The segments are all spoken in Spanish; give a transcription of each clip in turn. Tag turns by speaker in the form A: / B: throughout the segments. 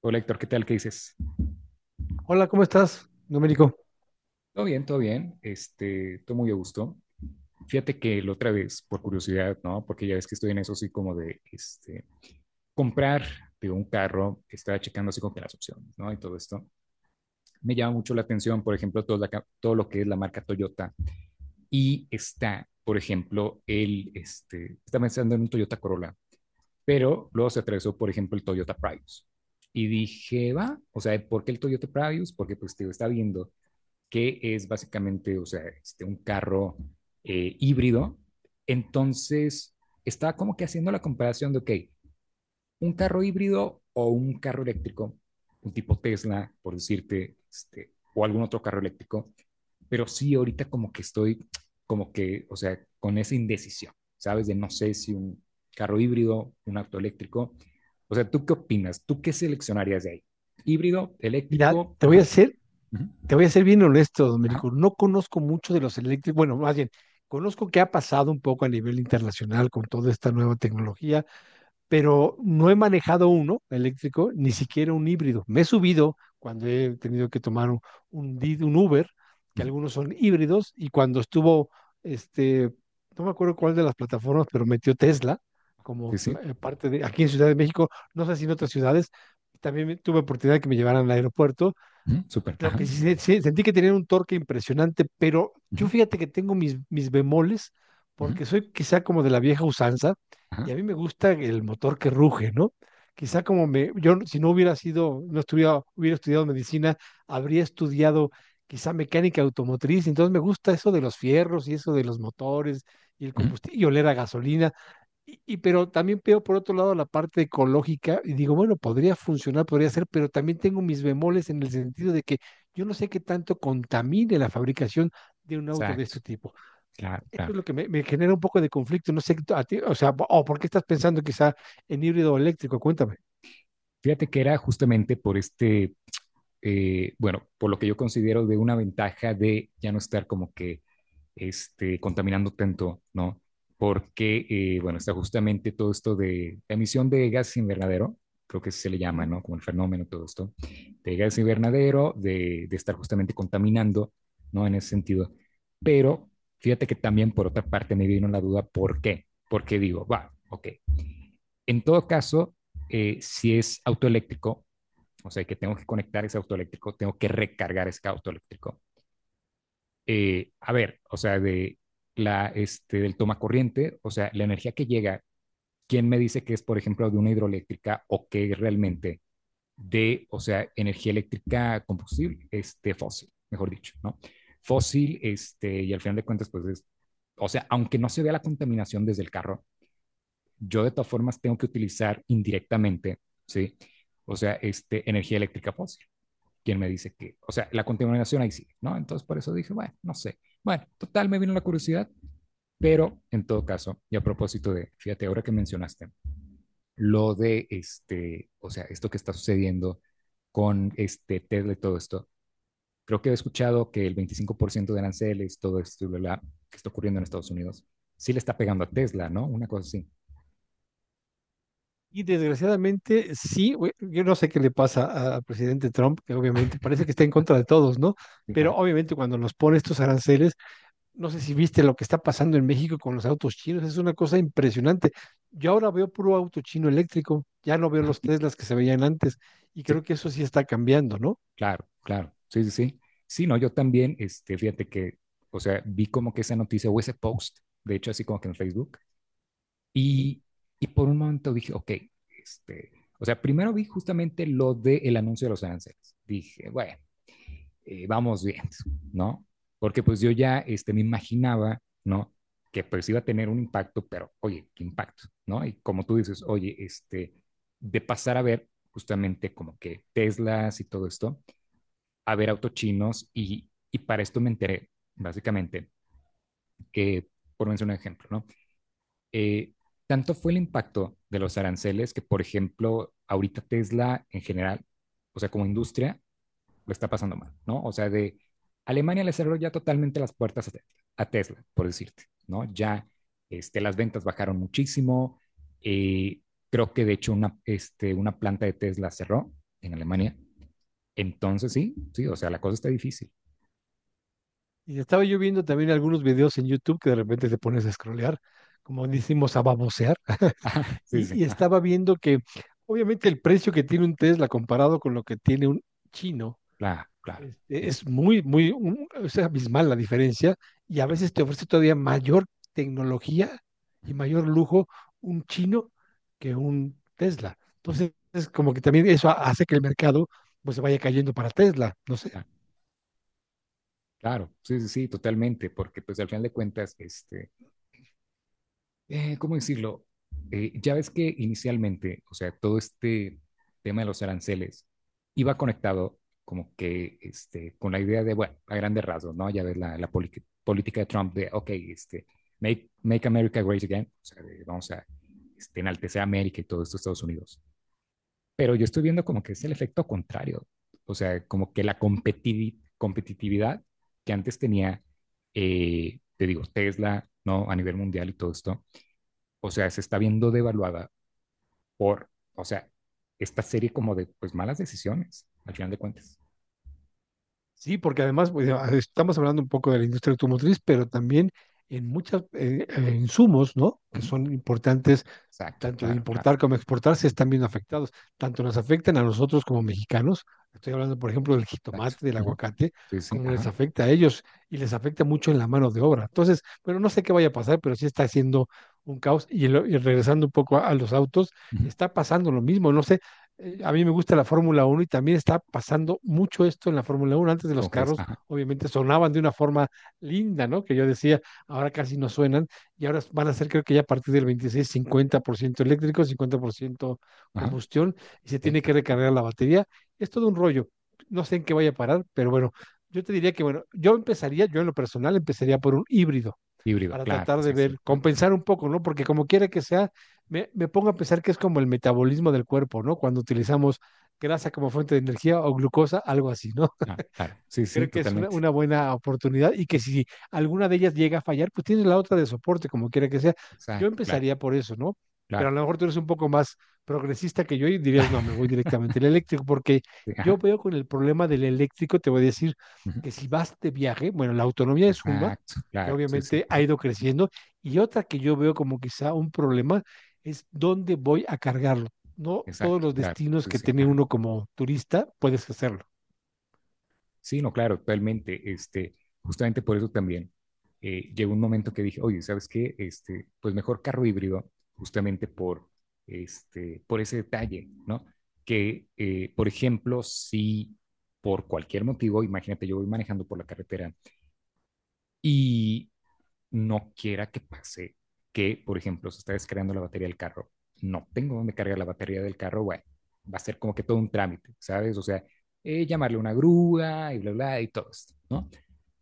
A: Hola Héctor, ¿qué tal? ¿Qué dices?
B: Hola, ¿cómo estás, Domenico?
A: Todo bien, todo bien. Todo muy a gusto. Fíjate que la otra vez, por curiosidad, ¿no? Porque ya ves que estoy en eso así como de, comprar de un carro, estaba checando así como que las opciones, ¿no? Y todo esto. Me llama mucho la atención, por ejemplo, todo, todo lo que es la marca Toyota. Y está, por ejemplo, estaba pensando en un Toyota Corolla, pero luego se atravesó, por ejemplo, el Toyota Prius. Y dije, va, o sea, ¿por qué el Toyota Prius? Porque pues te digo, está viendo que es básicamente, o sea, un carro híbrido. Entonces, estaba como que haciendo la comparación de, ok, un carro híbrido o un carro eléctrico, un tipo Tesla, por decirte, o algún otro carro eléctrico, pero sí ahorita como que estoy como que, o sea, con esa indecisión, ¿sabes? De no sé si un carro híbrido, un auto eléctrico. O sea, ¿tú qué opinas? ¿Tú qué seleccionarías de ahí? ¿Híbrido,
B: Mira,
A: eléctrico?
B: te voy a
A: Ajá.
B: ser,
A: Ajá.
B: te voy a ser bien honesto,
A: Ajá.
B: Domenico. No conozco mucho de los eléctricos. Bueno, más bien, conozco qué ha pasado un poco a nivel internacional con toda esta nueva tecnología, pero no he manejado uno eléctrico, ni siquiera un híbrido. Me he subido cuando he tenido que tomar un Uber, que algunos son híbridos, y cuando estuvo, este, no me acuerdo cuál de las plataformas, pero metió Tesla como
A: Sí, sí.
B: parte de, aquí en Ciudad de México, no sé si en otras ciudades, también tuve oportunidad de que me llevaran al aeropuerto.
A: Ujú. Súper.
B: Lo
A: Ajá.
B: que sí, sí, sentí que tenían un torque impresionante, pero yo
A: Ujú,
B: fíjate que tengo mis bemoles,
A: ujú,
B: porque soy quizá como de la vieja usanza, y
A: ajá,
B: a mí me gusta el motor que ruge, ¿no? Quizá como me, yo no- si no hubiera sido, no estuviera, hubiera estudiado medicina, habría estudiado quizá mecánica automotriz, entonces me gusta eso de los fierros y eso de los motores y el
A: ujú.
B: combustible, y oler a gasolina. Pero también veo por otro lado la parte ecológica y digo, bueno, podría funcionar, podría ser, pero también tengo mis bemoles en el sentido de que yo no sé qué tanto contamine la fabricación de un auto de
A: Exacto.
B: este tipo.
A: Claro,
B: Eso
A: claro.
B: es lo que me genera un poco de conflicto. No sé, a ti, o sea, o por qué estás pensando quizá en híbrido eléctrico, cuéntame.
A: Fíjate que era justamente por bueno, por lo que yo considero de una ventaja de ya no estar como que contaminando tanto, ¿no? Porque, bueno, está justamente todo esto de emisión de gases invernadero, creo que se le llama,
B: Ujú.
A: ¿no? Como el fenómeno, todo esto, de gases invernadero, de estar justamente contaminando, ¿no? En ese sentido. Pero fíjate que también por otra parte me vino la duda, ¿por qué? Porque digo, va, ok. En todo caso, si es autoeléctrico, o sea, que tengo que conectar ese autoeléctrico, tengo que recargar ese autoeléctrico, a ver, o sea, de del toma corriente, o sea, la energía que llega, ¿quién me dice que es, por ejemplo, de una hidroeléctrica o que es realmente de, o sea, energía eléctrica combustible, fósil, mejor dicho, ¿no? Fósil, y al final de cuentas, pues es, o sea, aunque no se vea la contaminación desde el carro, yo de todas formas tengo que utilizar indirectamente, ¿sí? O sea, energía eléctrica fósil. Quién me dice que, o sea, la contaminación ahí sigue, ¿no? Entonces por eso dije, bueno, no sé. Bueno, total, me vino la curiosidad, pero en todo caso, y a propósito de, fíjate, ahora que mencionaste, lo de o sea, esto que está sucediendo con este Tesla y todo esto, creo que he escuchado que el 25% de aranceles, todo esto, y bla, bla, que está ocurriendo en Estados Unidos, sí le está pegando a Tesla, ¿no? Una cosa así.
B: Y desgraciadamente, sí, güey, yo no sé qué le pasa al presidente Trump, que obviamente parece que está en contra de todos, ¿no?
A: Sí,
B: Pero
A: ajá,
B: obviamente cuando nos pone estos aranceles, no sé si viste lo que está pasando en México con los autos chinos, es una cosa impresionante. Yo ahora veo puro auto chino eléctrico, ya no veo
A: ajá,
B: los Teslas que se veían antes, y
A: sí.
B: creo que eso sí está cambiando, ¿no?
A: Claro, claro. Sí, sí, sí. Sí, no, yo también, fíjate que, o sea, vi como que esa noticia o ese post, de hecho, así como que en Facebook,
B: Ujú.
A: y, y por un momento dije, ok, este, o sea, primero vi justamente lo del anuncio de los aranceles. Dije, bueno, vamos bien, ¿no? Porque pues yo ya, me imaginaba, ¿no? Que pues iba a tener un impacto, pero, oye, ¿qué impacto? ¿No? Y como tú dices, oye, de pasar a ver justamente como que Teslas y todo esto, a ver autos chinos y para esto me enteré, básicamente, que, por mencionar un ejemplo, ¿no? Eh, Tanto fue el impacto de los aranceles que, por ejemplo, ahorita Tesla en general, o sea, como industria, lo está pasando mal, ¿no? O sea, de Alemania le cerró ya totalmente las puertas a Tesla, por decirte, ¿no? Ya las ventas bajaron muchísimo. Eh, Creo que de hecho una planta de Tesla cerró en Alemania. Entonces sí, sí, o sea, la cosa está difícil.
B: Y estaba yo viendo también algunos videos en YouTube que de repente te pones a scrollear, como decimos, a babosear.
A: Sí, sí. Sí.
B: Y, y
A: Ajá.
B: estaba viendo que obviamente el precio que tiene un Tesla comparado con lo que tiene un chino,
A: Claro, claro.
B: este,
A: Ujú,
B: es muy, muy, es abismal la diferencia, y a veces te ofrece todavía mayor tecnología
A: ujú.
B: y mayor lujo un chino que un Tesla. Entonces, es como que también eso hace que el mercado pues se vaya cayendo para Tesla, no sé.
A: Claro, claro. Sí, sí, sí, totalmente, porque pues al final de cuentas, ¿cómo decirlo? Ya ves que inicialmente, o sea, todo este tema de los aranceles iba conectado como que con la idea de, bueno, a grandes rasgos, ¿no? Ya ves la política de Trump de, ok, make America great again, o sea, de, vamos a enaltecer a América y todo esto, Estados Unidos. Pero yo estoy viendo como que es el efecto contrario. O sea, como que la competitividad que antes tenía, te digo, Tesla, ¿no? A nivel mundial y todo esto, o sea, se está viendo devaluada por, o sea, esta serie como de, pues, malas decisiones, al final de cuentas.
B: Sí, porque además pues, ya estamos hablando un poco de la industria automotriz, pero también en muchos insumos, ¿no? Que
A: Ujú.
B: son importantes
A: Exacto,
B: tanto de
A: claro, claro,
B: importar como exportar, se están viendo afectados. Tanto nos afectan a nosotros como mexicanos, estoy hablando, por ejemplo, del
A: exacto.
B: jitomate, del
A: Ujú.
B: aguacate,
A: Sí, sí,
B: como les
A: ajá.
B: afecta a ellos y les afecta mucho en la mano de obra. Entonces, bueno, no sé qué vaya a pasar, pero sí está haciendo un caos. Y, regresando un poco a, los autos,
A: Ujú.
B: está pasando lo mismo. No sé, a mí me gusta la Fórmula 1 y también está pasando mucho esto en la Fórmula 1. Antes de los
A: ¿Cómo crees?
B: carros,
A: Ajá,
B: obviamente, sonaban de una forma linda, ¿no? Que yo decía, ahora casi no suenan, y ahora van a ser creo que ya a partir del 26 50% eléctrico, 50%
A: ajá.
B: combustión, y se
A: Ok.
B: tiene que
A: Ah.
B: recargar la batería. Es todo un rollo. No sé en qué vaya a parar, pero bueno, yo te diría que, bueno, yo empezaría, yo en lo personal, empezaría por un híbrido
A: Híbrido,
B: para
A: claro,
B: tratar de
A: sí, sí.
B: ver,
A: Ah,
B: compensar un poco, ¿no? Porque como quiera que sea, me pongo a pensar que es como el metabolismo del cuerpo, ¿no? Cuando utilizamos grasa como fuente de energía o glucosa, algo así, ¿no?
A: claro, claro. Sí, sí,
B: Creo que es una,
A: totalmente.
B: una buena oportunidad y que si alguna de ellas llega a fallar, pues tienes la otra de soporte, como quiera que sea. Yo
A: Exacto, claro,
B: empezaría por eso, ¿no? Pero
A: claro.
B: a lo mejor tú eres un poco más progresista que yo y dirías, no, me voy directamente al eléctrico, porque
A: Sí,
B: yo
A: ajá.
B: veo con el problema del eléctrico, te voy a decir
A: Ujú.
B: que si vas de viaje, bueno, la autonomía es una,
A: Exacto,
B: que
A: claro, sí, sí,
B: obviamente ha
A: ajá,
B: ido creciendo, y otra que yo veo como quizá un problema es dónde voy a cargarlo. No todos
A: exacto,
B: los
A: claro,
B: destinos
A: sí,
B: que
A: sí,
B: tiene
A: ajá.
B: uno como turista puedes hacerlo.
A: Sí, no, claro, totalmente, justamente por eso también llegó un momento que dije, oye, ¿sabes qué? Pues mejor carro híbrido, justamente por ese detalle, ¿no? Que, por ejemplo, si por cualquier motivo, imagínate, yo voy manejando por la carretera, no quiera que pase que, por ejemplo, se está descargando la batería del carro, no tengo dónde cargar la batería del carro, bueno, va a ser como que todo un trámite, ¿sabes? O sea, llamarle una grúa y bla, bla, y todo esto, ¿no?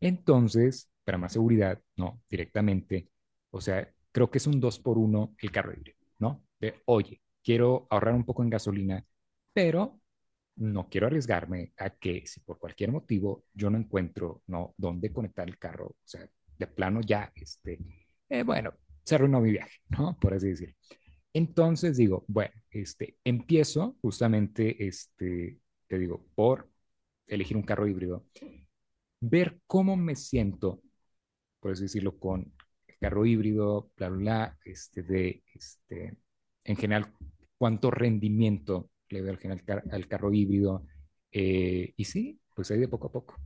A: Entonces, para más seguridad, no, directamente, o sea, creo que es un 2 por uno el carro híbrido, ¿no? De, oye, quiero ahorrar un poco en gasolina, pero no quiero arriesgarme a que si por cualquier motivo yo no encuentro, ¿no? Dónde conectar el carro, o sea, de plano ya, bueno, se arruinó mi viaje, ¿no? Por así decirlo. Entonces digo, bueno, empiezo justamente, te digo, por elegir un carro híbrido, ver cómo me siento, por así decirlo, con el carro híbrido, bla, bla, bla, en general, cuánto rendimiento le veo al carro híbrido. Y sí, pues ahí de poco a poco.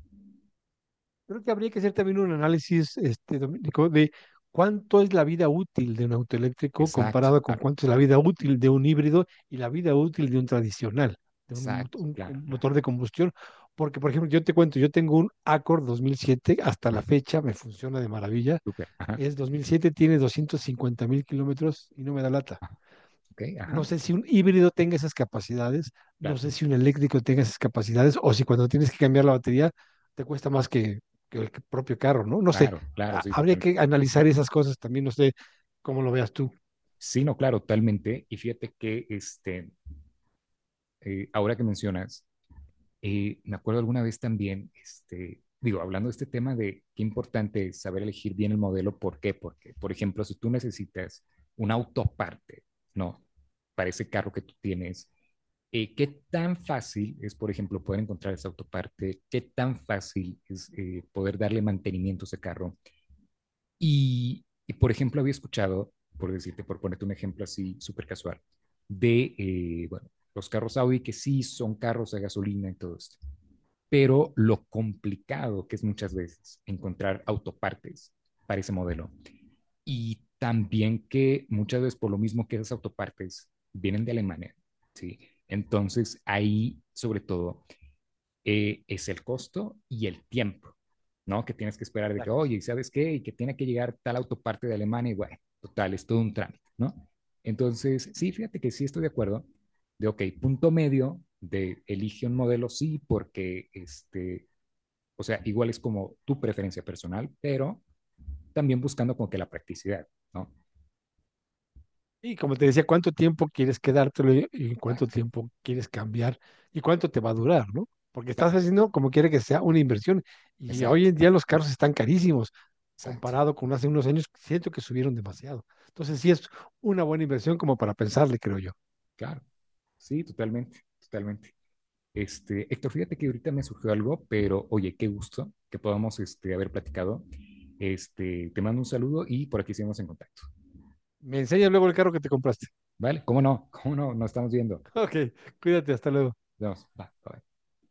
B: Creo que habría que hacer también un análisis, este, Domenico, de cuánto es la vida útil de un auto eléctrico
A: Exacto,
B: comparado con
A: claro,
B: cuánto es la vida útil de un híbrido y la vida útil de un tradicional, de un, mot-
A: exacto,
B: un co-
A: claro, claro.
B: motor de combustión. Porque, por ejemplo, yo te cuento, yo tengo un Accord 2007, hasta la fecha me funciona de maravilla.
A: Súper. Ajá.
B: Es 2007, tiene 250 mil kilómetros y no me da lata.
A: Ok,
B: No
A: ajá,
B: sé si un híbrido tenga esas capacidades, no
A: claro,
B: sé si un eléctrico tenga esas capacidades, o si cuando tienes que cambiar la batería te cuesta más que el propio carro, ¿no? No sé,
A: claro, claro, sí,
B: habría
A: totalmente.
B: que analizar
A: Ajá.
B: esas cosas también, no sé cómo lo veas tú.
A: Sí, no, claro, totalmente. Y fíjate que ahora que mencionas, me acuerdo alguna vez también, digo, hablando de este tema de qué importante es saber elegir bien el modelo, ¿por qué? Porque, por ejemplo, si tú necesitas un auto parte, ¿no? Para ese carro que tú tienes, ¿qué tan fácil es, por ejemplo, poder encontrar ese autoparte? ¿Qué tan fácil es, poder darle mantenimiento a ese carro? Por ejemplo, había escuchado, por decirte, por ponerte un ejemplo así súper casual, de bueno, los carros Audi que sí son carros a gasolina y todo esto, pero lo complicado que es muchas veces encontrar autopartes para ese modelo. Y también que muchas veces por lo mismo que esas autopartes vienen de Alemania, ¿sí? Entonces ahí, sobre todo, es el costo y el tiempo, ¿no? Que tienes que esperar de que,
B: Exacto.
A: oye, ¿sabes qué? Y que tiene que llegar tal autoparte de Alemania y bueno, total, es todo un trámite, ¿no? Entonces, sí, fíjate que sí estoy de acuerdo de, ok, punto medio de elige un modelo, sí, porque, o sea, igual es como tu preferencia personal, pero también buscando como que la practicidad, ¿no?
B: Y como te decía, ¿cuánto tiempo quieres quedártelo y cuánto
A: Exacto,
B: tiempo quieres cambiar y cuánto te va a durar, ¿no? Porque
A: claro,
B: estás haciendo como quiere que sea una inversión. Y hoy
A: exacto,
B: en día los carros están carísimos
A: exacto,
B: comparado con hace unos años, siento que subieron demasiado. Entonces sí es una buena inversión como para pensarle, creo yo.
A: claro. Sí, totalmente, totalmente. Héctor, fíjate que ahorita me surgió algo, pero oye, qué gusto que podamos, haber platicado. Te mando un saludo y por aquí seguimos en contacto.
B: Me enseñas luego el carro que te compraste.
A: ¿Vale? ¿Cómo no? ¿Cómo no? Nos estamos viendo.
B: Ok, cuídate, hasta luego.
A: Nos vemos. Bye, bye.